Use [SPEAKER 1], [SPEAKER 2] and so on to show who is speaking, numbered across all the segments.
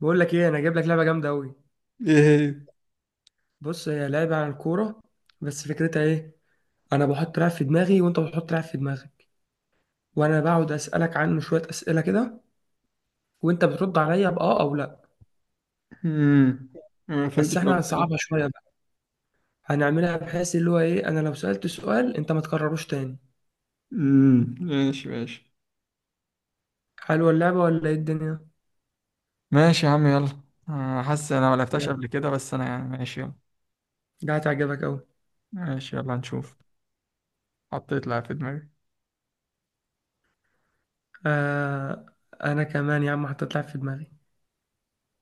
[SPEAKER 1] بقول لك ايه انا جايب لك لعبه جامده قوي.
[SPEAKER 2] ايه هي؟
[SPEAKER 1] بص هي لعبه عن الكوره. بس فكرتها ايه؟ انا بحط لاعب في دماغي وانت بتحط لاعب في دماغك، وانا بقعد اسالك عنه شويه اسئله كده وانت بترد عليا باه او لا.
[SPEAKER 2] امم ما
[SPEAKER 1] بس
[SPEAKER 2] فهمتش
[SPEAKER 1] احنا
[SPEAKER 2] قوي بصراحة.
[SPEAKER 1] هنصعبها شويه بقى. هنعملها بحيث اللي هو ايه، انا لو سالت سؤال انت ما تكرروش تاني.
[SPEAKER 2] ماشي ماشي.
[SPEAKER 1] حلوه اللعبه ولا ايه الدنيا؟
[SPEAKER 2] ماشي يا عم، يلا. حاسس انا ما لعبتهاش
[SPEAKER 1] يلا،
[SPEAKER 2] قبل كده، بس انا يعني ماشي يلا.
[SPEAKER 1] ده هتعجبك قوي.
[SPEAKER 2] ماشي يلا، هنشوف. حطيت لعب في دماغي.
[SPEAKER 1] آه. انا كمان يا عم حطيت لاعب في دماغي.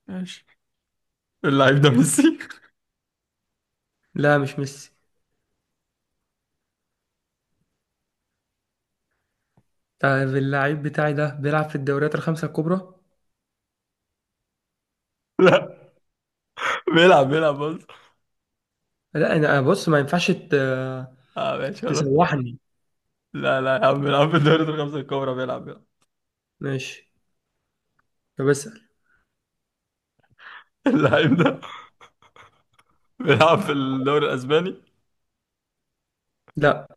[SPEAKER 2] ماشي. اللعيب ده ميسي.
[SPEAKER 1] لا مش ميسي. طيب اللعيب بتاعي ده بيلعب في الدوريات الخمسه الكبرى.
[SPEAKER 2] لا، بيلعب بيلعب بص.
[SPEAKER 1] لا، انا بص ما ينفعش
[SPEAKER 2] اه ماشي خلاص.
[SPEAKER 1] تسوحني.
[SPEAKER 2] لا لا يا عم، بيلعب في الدوري الخمسة الكبرى بيلعب بيلعب.
[SPEAKER 1] ماشي. طب اسأل.
[SPEAKER 2] اللعيب ده بيلعب في الدوري الاسباني.
[SPEAKER 1] لا،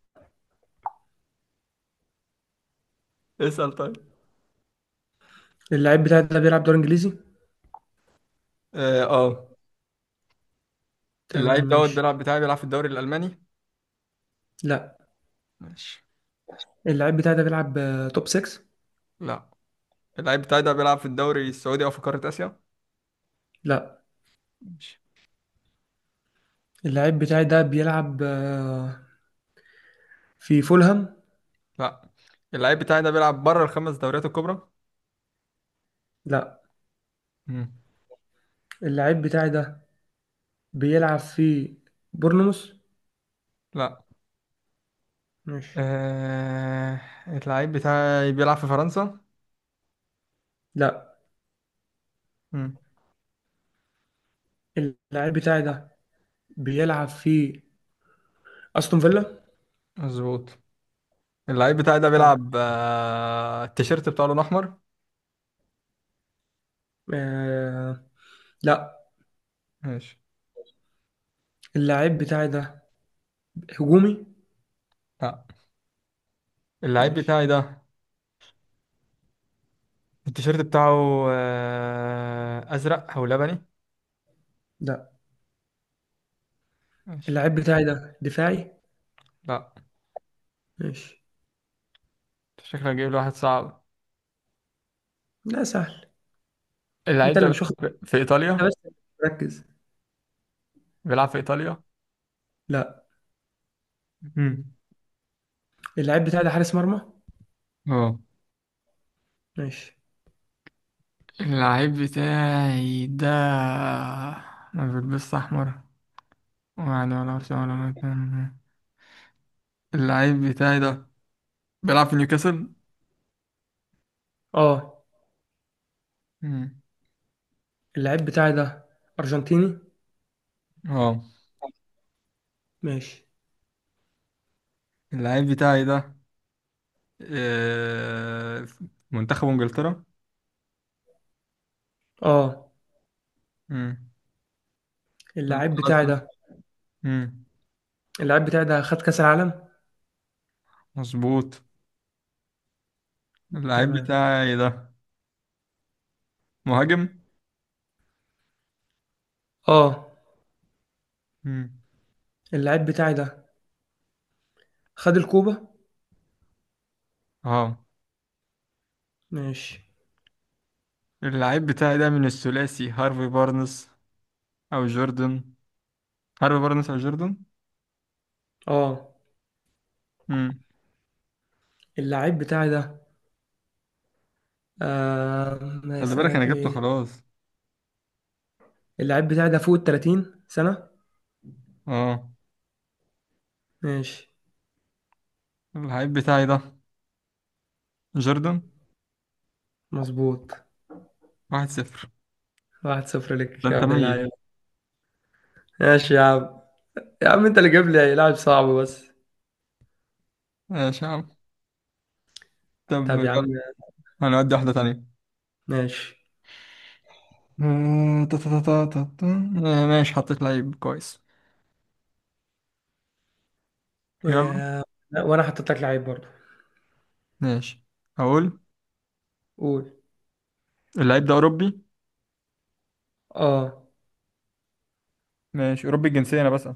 [SPEAKER 2] اسأل طيب.
[SPEAKER 1] اللعيب بتاعي ده بيلعب دوري انجليزي.
[SPEAKER 2] اه آه.
[SPEAKER 1] تمام
[SPEAKER 2] اللعيب دوت
[SPEAKER 1] ماشي.
[SPEAKER 2] بيلعب بتاعي بيلعب في الدوري الالماني.
[SPEAKER 1] لا،
[SPEAKER 2] ماشي.
[SPEAKER 1] اللعيب بتاعي ده بيلعب توب 6.
[SPEAKER 2] لا. اللعيب بتاعي ده بيلعب في الدوري السعودي او في قارة اسيا.
[SPEAKER 1] لا،
[SPEAKER 2] ماشي.
[SPEAKER 1] اللعيب بتاعي ده بيلعب في فولهام.
[SPEAKER 2] لا. اللعيب بتاعي ده بيلعب بره الخمس دوريات الكبرى.
[SPEAKER 1] لا،
[SPEAKER 2] مم.
[SPEAKER 1] اللعيب بتاعي ده بيلعب في بورنموث.
[SPEAKER 2] لا.
[SPEAKER 1] ماشي.
[SPEAKER 2] آه... اللعيب بتاعي بيلعب في فرنسا.
[SPEAKER 1] لا،
[SPEAKER 2] مم.
[SPEAKER 1] اللعيب بتاعي ده بيلعب في استون فيلا.
[SPEAKER 2] مظبوط. اللعيب بتاعي ده
[SPEAKER 1] حلو.
[SPEAKER 2] بيلعب التيشيرت بتاعه لون احمر.
[SPEAKER 1] آه... لا،
[SPEAKER 2] ماشي.
[SPEAKER 1] اللعيب بتاعي ده هجومي.
[SPEAKER 2] لا. اللعيب
[SPEAKER 1] ماشي.
[SPEAKER 2] بتاعي ده التيشيرت بتاعه ازرق او لبني.
[SPEAKER 1] لا،
[SPEAKER 2] ماشي.
[SPEAKER 1] اللعيب بتاعي ده دفاعي.
[SPEAKER 2] لا.
[SPEAKER 1] ماشي.
[SPEAKER 2] أنت شكلك جايب لي واحد صعب.
[SPEAKER 1] لا سهل.
[SPEAKER 2] اللعيب
[SPEAKER 1] انت
[SPEAKER 2] ده
[SPEAKER 1] اللي مش واخد.
[SPEAKER 2] بيلعب في
[SPEAKER 1] انت
[SPEAKER 2] ايطاليا.
[SPEAKER 1] بس ركز.
[SPEAKER 2] بيلعب في ايطاليا.
[SPEAKER 1] لا،
[SPEAKER 2] مم.
[SPEAKER 1] اللعيب بتاعي ده حارس مرمى.
[SPEAKER 2] اه.
[SPEAKER 1] ماشي.
[SPEAKER 2] اللعيب بتاعي ده ما بيلبسش أحمر، يعني ولا أرسنال ولا مكان. اللعيب بتاعي ده بيلعب في نيوكاسل.
[SPEAKER 1] اه،
[SPEAKER 2] مم.
[SPEAKER 1] اللعيب بتاعي ده ارجنتيني.
[SPEAKER 2] اه.
[SPEAKER 1] ماشي.
[SPEAKER 2] اللعيب بتاعي ده في منتخب إنجلترا.
[SPEAKER 1] اه،
[SPEAKER 2] مم. نعم
[SPEAKER 1] اللعيب
[SPEAKER 2] خلاص.
[SPEAKER 1] بتاعي ده
[SPEAKER 2] مم.
[SPEAKER 1] اللعيب بتاعي ده خد كاس العالم.
[SPEAKER 2] مظبوط. اللعيب
[SPEAKER 1] تمام.
[SPEAKER 2] بتاعي ده مهاجم.
[SPEAKER 1] اه،
[SPEAKER 2] مم.
[SPEAKER 1] اللعيب بتاعي ده خد الكوبا.
[SPEAKER 2] اه.
[SPEAKER 1] ماشي.
[SPEAKER 2] اللعيب بتاعي ده من الثلاثي هارفي بارنس أو جوردن. هارفي بارنس أو جوردن.
[SPEAKER 1] اه،
[SPEAKER 2] مم.
[SPEAKER 1] اللعيب بتاعي ده آه ما
[SPEAKER 2] خلي بالك أنا
[SPEAKER 1] اسالك
[SPEAKER 2] جبته
[SPEAKER 1] ايه.
[SPEAKER 2] خلاص.
[SPEAKER 1] اللعيب بتاعي ده فوق ال 30 سنة.
[SPEAKER 2] اه.
[SPEAKER 1] ماشي.
[SPEAKER 2] اللعيب بتاعي ده جوردن.
[SPEAKER 1] مظبوط.
[SPEAKER 2] 1-0.
[SPEAKER 1] واحد صفر
[SPEAKER 2] ده
[SPEAKER 1] لك يا
[SPEAKER 2] انت
[SPEAKER 1] ابن اللعيب.
[SPEAKER 2] ميت.
[SPEAKER 1] ماشي يا عم. يا عم انت اللي جايب لي لاعب صعب بس.
[SPEAKER 2] ماشي يا عم. طب
[SPEAKER 1] طب
[SPEAKER 2] يلا.
[SPEAKER 1] يا عم.
[SPEAKER 2] هنودي واحدة تانية.
[SPEAKER 1] ماشي.
[SPEAKER 2] آه، تا- تا- تا- تا- تا- ماشي حطيت لعيب كويس.
[SPEAKER 1] و...
[SPEAKER 2] يلا.
[SPEAKER 1] لا، وانا حطيت لك لعيب برضه.
[SPEAKER 2] ماشي أقول.
[SPEAKER 1] قول.
[SPEAKER 2] اللعيب ده أوروبي.
[SPEAKER 1] اه،
[SPEAKER 2] ماشي، أوروبي الجنسية أنا بسأل.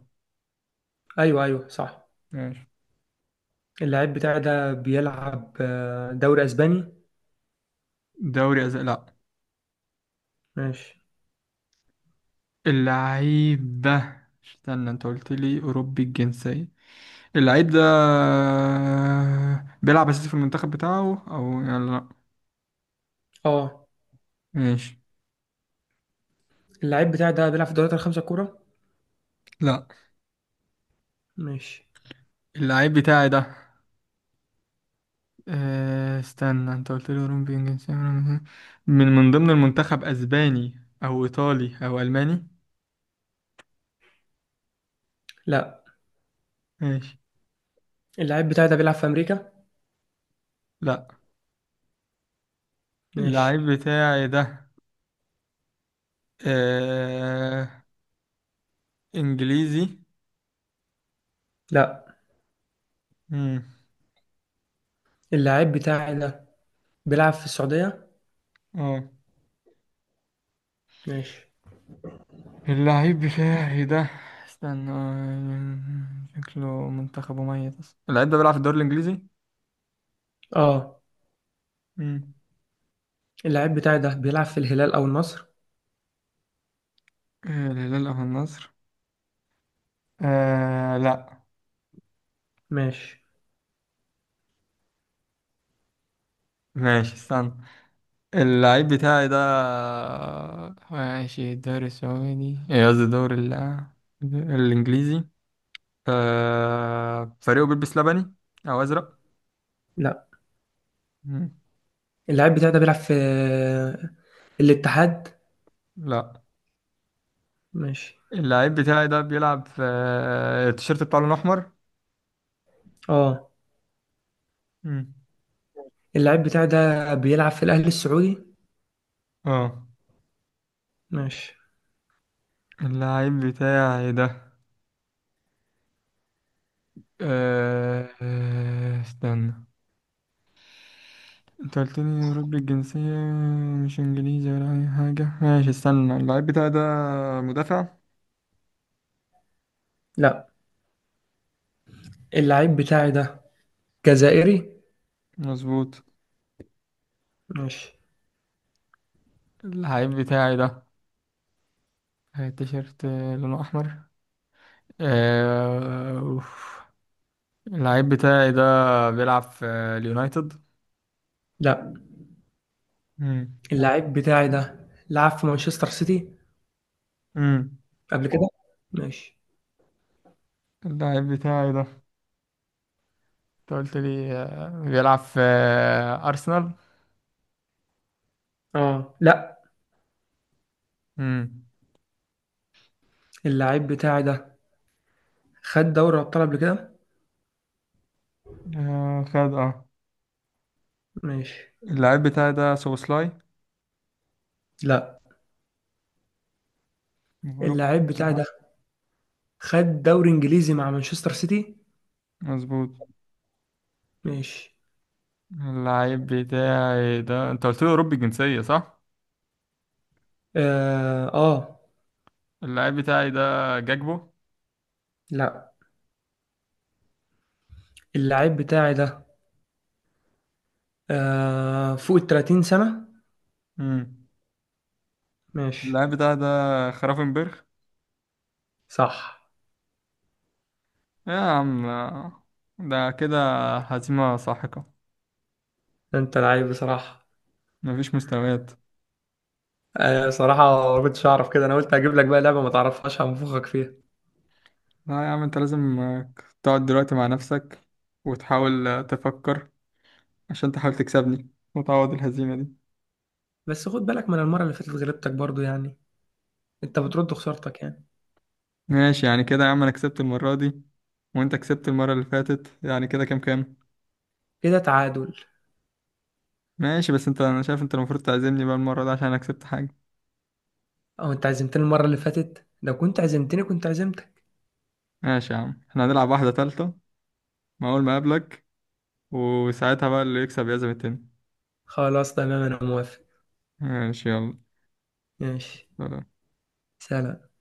[SPEAKER 1] ايوه ايوه صح.
[SPEAKER 2] ماشي.
[SPEAKER 1] اللعيب بتاعي ده بيلعب دوري اسباني.
[SPEAKER 2] لا.
[SPEAKER 1] ماشي.
[SPEAKER 2] اللعيب ده استنى، انت قلت لي أوروبي الجنسية. اللعيب ده بيلعب أساسي في المنتخب بتاعه أو يلا لا.
[SPEAKER 1] اه،
[SPEAKER 2] ماشي.
[SPEAKER 1] اللعيب بتاعي ده بيلعب في الدوريات الخمسة الكبرى.
[SPEAKER 2] لا.
[SPEAKER 1] ماشي.
[SPEAKER 2] اللعيب بتاعي ده استنى، انت قلت لي هروب بين جنسية من من ضمن المنتخب اسباني او ايطالي او الماني.
[SPEAKER 1] لا،
[SPEAKER 2] ماشي.
[SPEAKER 1] اللعيب بتاعي ده بيلعب في امريكا.
[SPEAKER 2] لا.
[SPEAKER 1] ماشي.
[SPEAKER 2] اللعيب بتاعي ده آه... انجليزي.
[SPEAKER 1] لا،
[SPEAKER 2] مم.
[SPEAKER 1] اللعيب بتاعي ده بيلعب في السعودية.
[SPEAKER 2] اه.
[SPEAKER 1] ماشي.
[SPEAKER 2] اللعيب بتاعي ده استنى، شكله منتخبه ميت اصلا، اللعيب ده بيلعب في الدوري الانجليزي.
[SPEAKER 1] اه،
[SPEAKER 2] مم.
[SPEAKER 1] اللعيب بتاعي ده بيلعب في الهلال او النصر.
[SPEAKER 2] الهلال او النصر. لا.
[SPEAKER 1] ماشي.
[SPEAKER 2] ماشي استنى. اللعيب بتاعي ده ماشي الدوري السعودي، إيه قصدي، الدوري الإنجليزي. فريقه بيلبس لبني أو أزرق.
[SPEAKER 1] لا،
[SPEAKER 2] مم.
[SPEAKER 1] اللعيب بتاعي ده بيلعب في الاتحاد.
[SPEAKER 2] لا.
[SPEAKER 1] ماشي.
[SPEAKER 2] اللعيب بتاعي ده بيلعب في التيشيرت بتاعه لونه أحمر.
[SPEAKER 1] اه،
[SPEAKER 2] مم.
[SPEAKER 1] اللعيب بتاعي ده بيلعب في الأهلي السعودي.
[SPEAKER 2] اه.
[SPEAKER 1] ماشي.
[SPEAKER 2] اللعيب بتاعي ده استنى، انت قلت لي أوروبي الجنسية مش إنجليزي ولا أي حاجة، ماشي استنى. اللعيب بتاعي ده مدافع.
[SPEAKER 1] لا، اللعيب بتاعي ده جزائري.
[SPEAKER 2] مظبوط.
[SPEAKER 1] ماشي.
[SPEAKER 2] العيب بتاعي ده تيشيرت لونه أحمر. أوف. اللعيب بتاعي ده بيلعب في اليونايتد.
[SPEAKER 1] لا،
[SPEAKER 2] مم.
[SPEAKER 1] اللعيب بتاعي ده لعب في مانشستر سيتي
[SPEAKER 2] مم.
[SPEAKER 1] قبل كده. ماشي.
[SPEAKER 2] اللعيب بتاعي ده انت قلت لي بيلعب في أرسنال.
[SPEAKER 1] اه، لا،
[SPEAKER 2] مم.
[SPEAKER 1] اللعيب بتاعي ده خد دوري أبطال قبل كده.
[SPEAKER 2] خد اه.
[SPEAKER 1] ماشي.
[SPEAKER 2] اللعيب بتاعي ده سوبوسلاي
[SPEAKER 1] لا،
[SPEAKER 2] أوروبي.
[SPEAKER 1] اللعيب بتاعي ده خد دوري إنجليزي مع مانشستر سيتي.
[SPEAKER 2] مظبوط.
[SPEAKER 1] ماشي.
[SPEAKER 2] اللعيب بتاعي ده انت قلت لي أوروبي الجنسية صح؟
[SPEAKER 1] اه, آه.
[SPEAKER 2] اللعيب بتاعي ده جاكبو.
[SPEAKER 1] لا، اللعيب بتاعي ده فوق ال 30 سنة.
[SPEAKER 2] مم.
[SPEAKER 1] ماشي.
[SPEAKER 2] اللعيب بتاعي ده خرافنبرغ.
[SPEAKER 1] صح.
[SPEAKER 2] يا عم، ده كده هزيمة ساحقة.
[SPEAKER 1] ده انت لعيب بصراحة.
[SPEAKER 2] مفيش مستويات.
[SPEAKER 1] صراحة ما كنتش أعرف كده. أنا قلت هجيب لك بقى لعبة ما تعرفهاش هنفخك فيها.
[SPEAKER 2] لا يا عم، انت لازم تقعد دلوقتي مع نفسك وتحاول تفكر عشان تحاول تكسبني وتعوض الهزيمة دي.
[SPEAKER 1] بس خد بالك، ما أنا المرة اللي فاتت غلبتك برضو يعني. أنت بترد خسارتك يعني.
[SPEAKER 2] ماشي يعني كده يا عم، انا كسبت المرة دي وانت كسبت المرة اللي فاتت، يعني كده كام كام.
[SPEAKER 1] كده تعادل.
[SPEAKER 2] ماشي بس انت، انا شايف انت المفروض تعزمني بقى المرة دي عشان انا كسبت حاجة.
[SPEAKER 1] أو أنت عزمتني المرة اللي فاتت، لو كنت عزمتني كنت عزمتك.
[SPEAKER 2] ماشي يا عم، احنا هنلعب واحدة تالتة مع اول ما اقابلك، وساعتها بقى اللي يكسب يعزم التاني.
[SPEAKER 1] خلاص تمام أنا موافق.
[SPEAKER 2] ماشي يلا.
[SPEAKER 1] ماشي.
[SPEAKER 2] سلام.
[SPEAKER 1] سلام.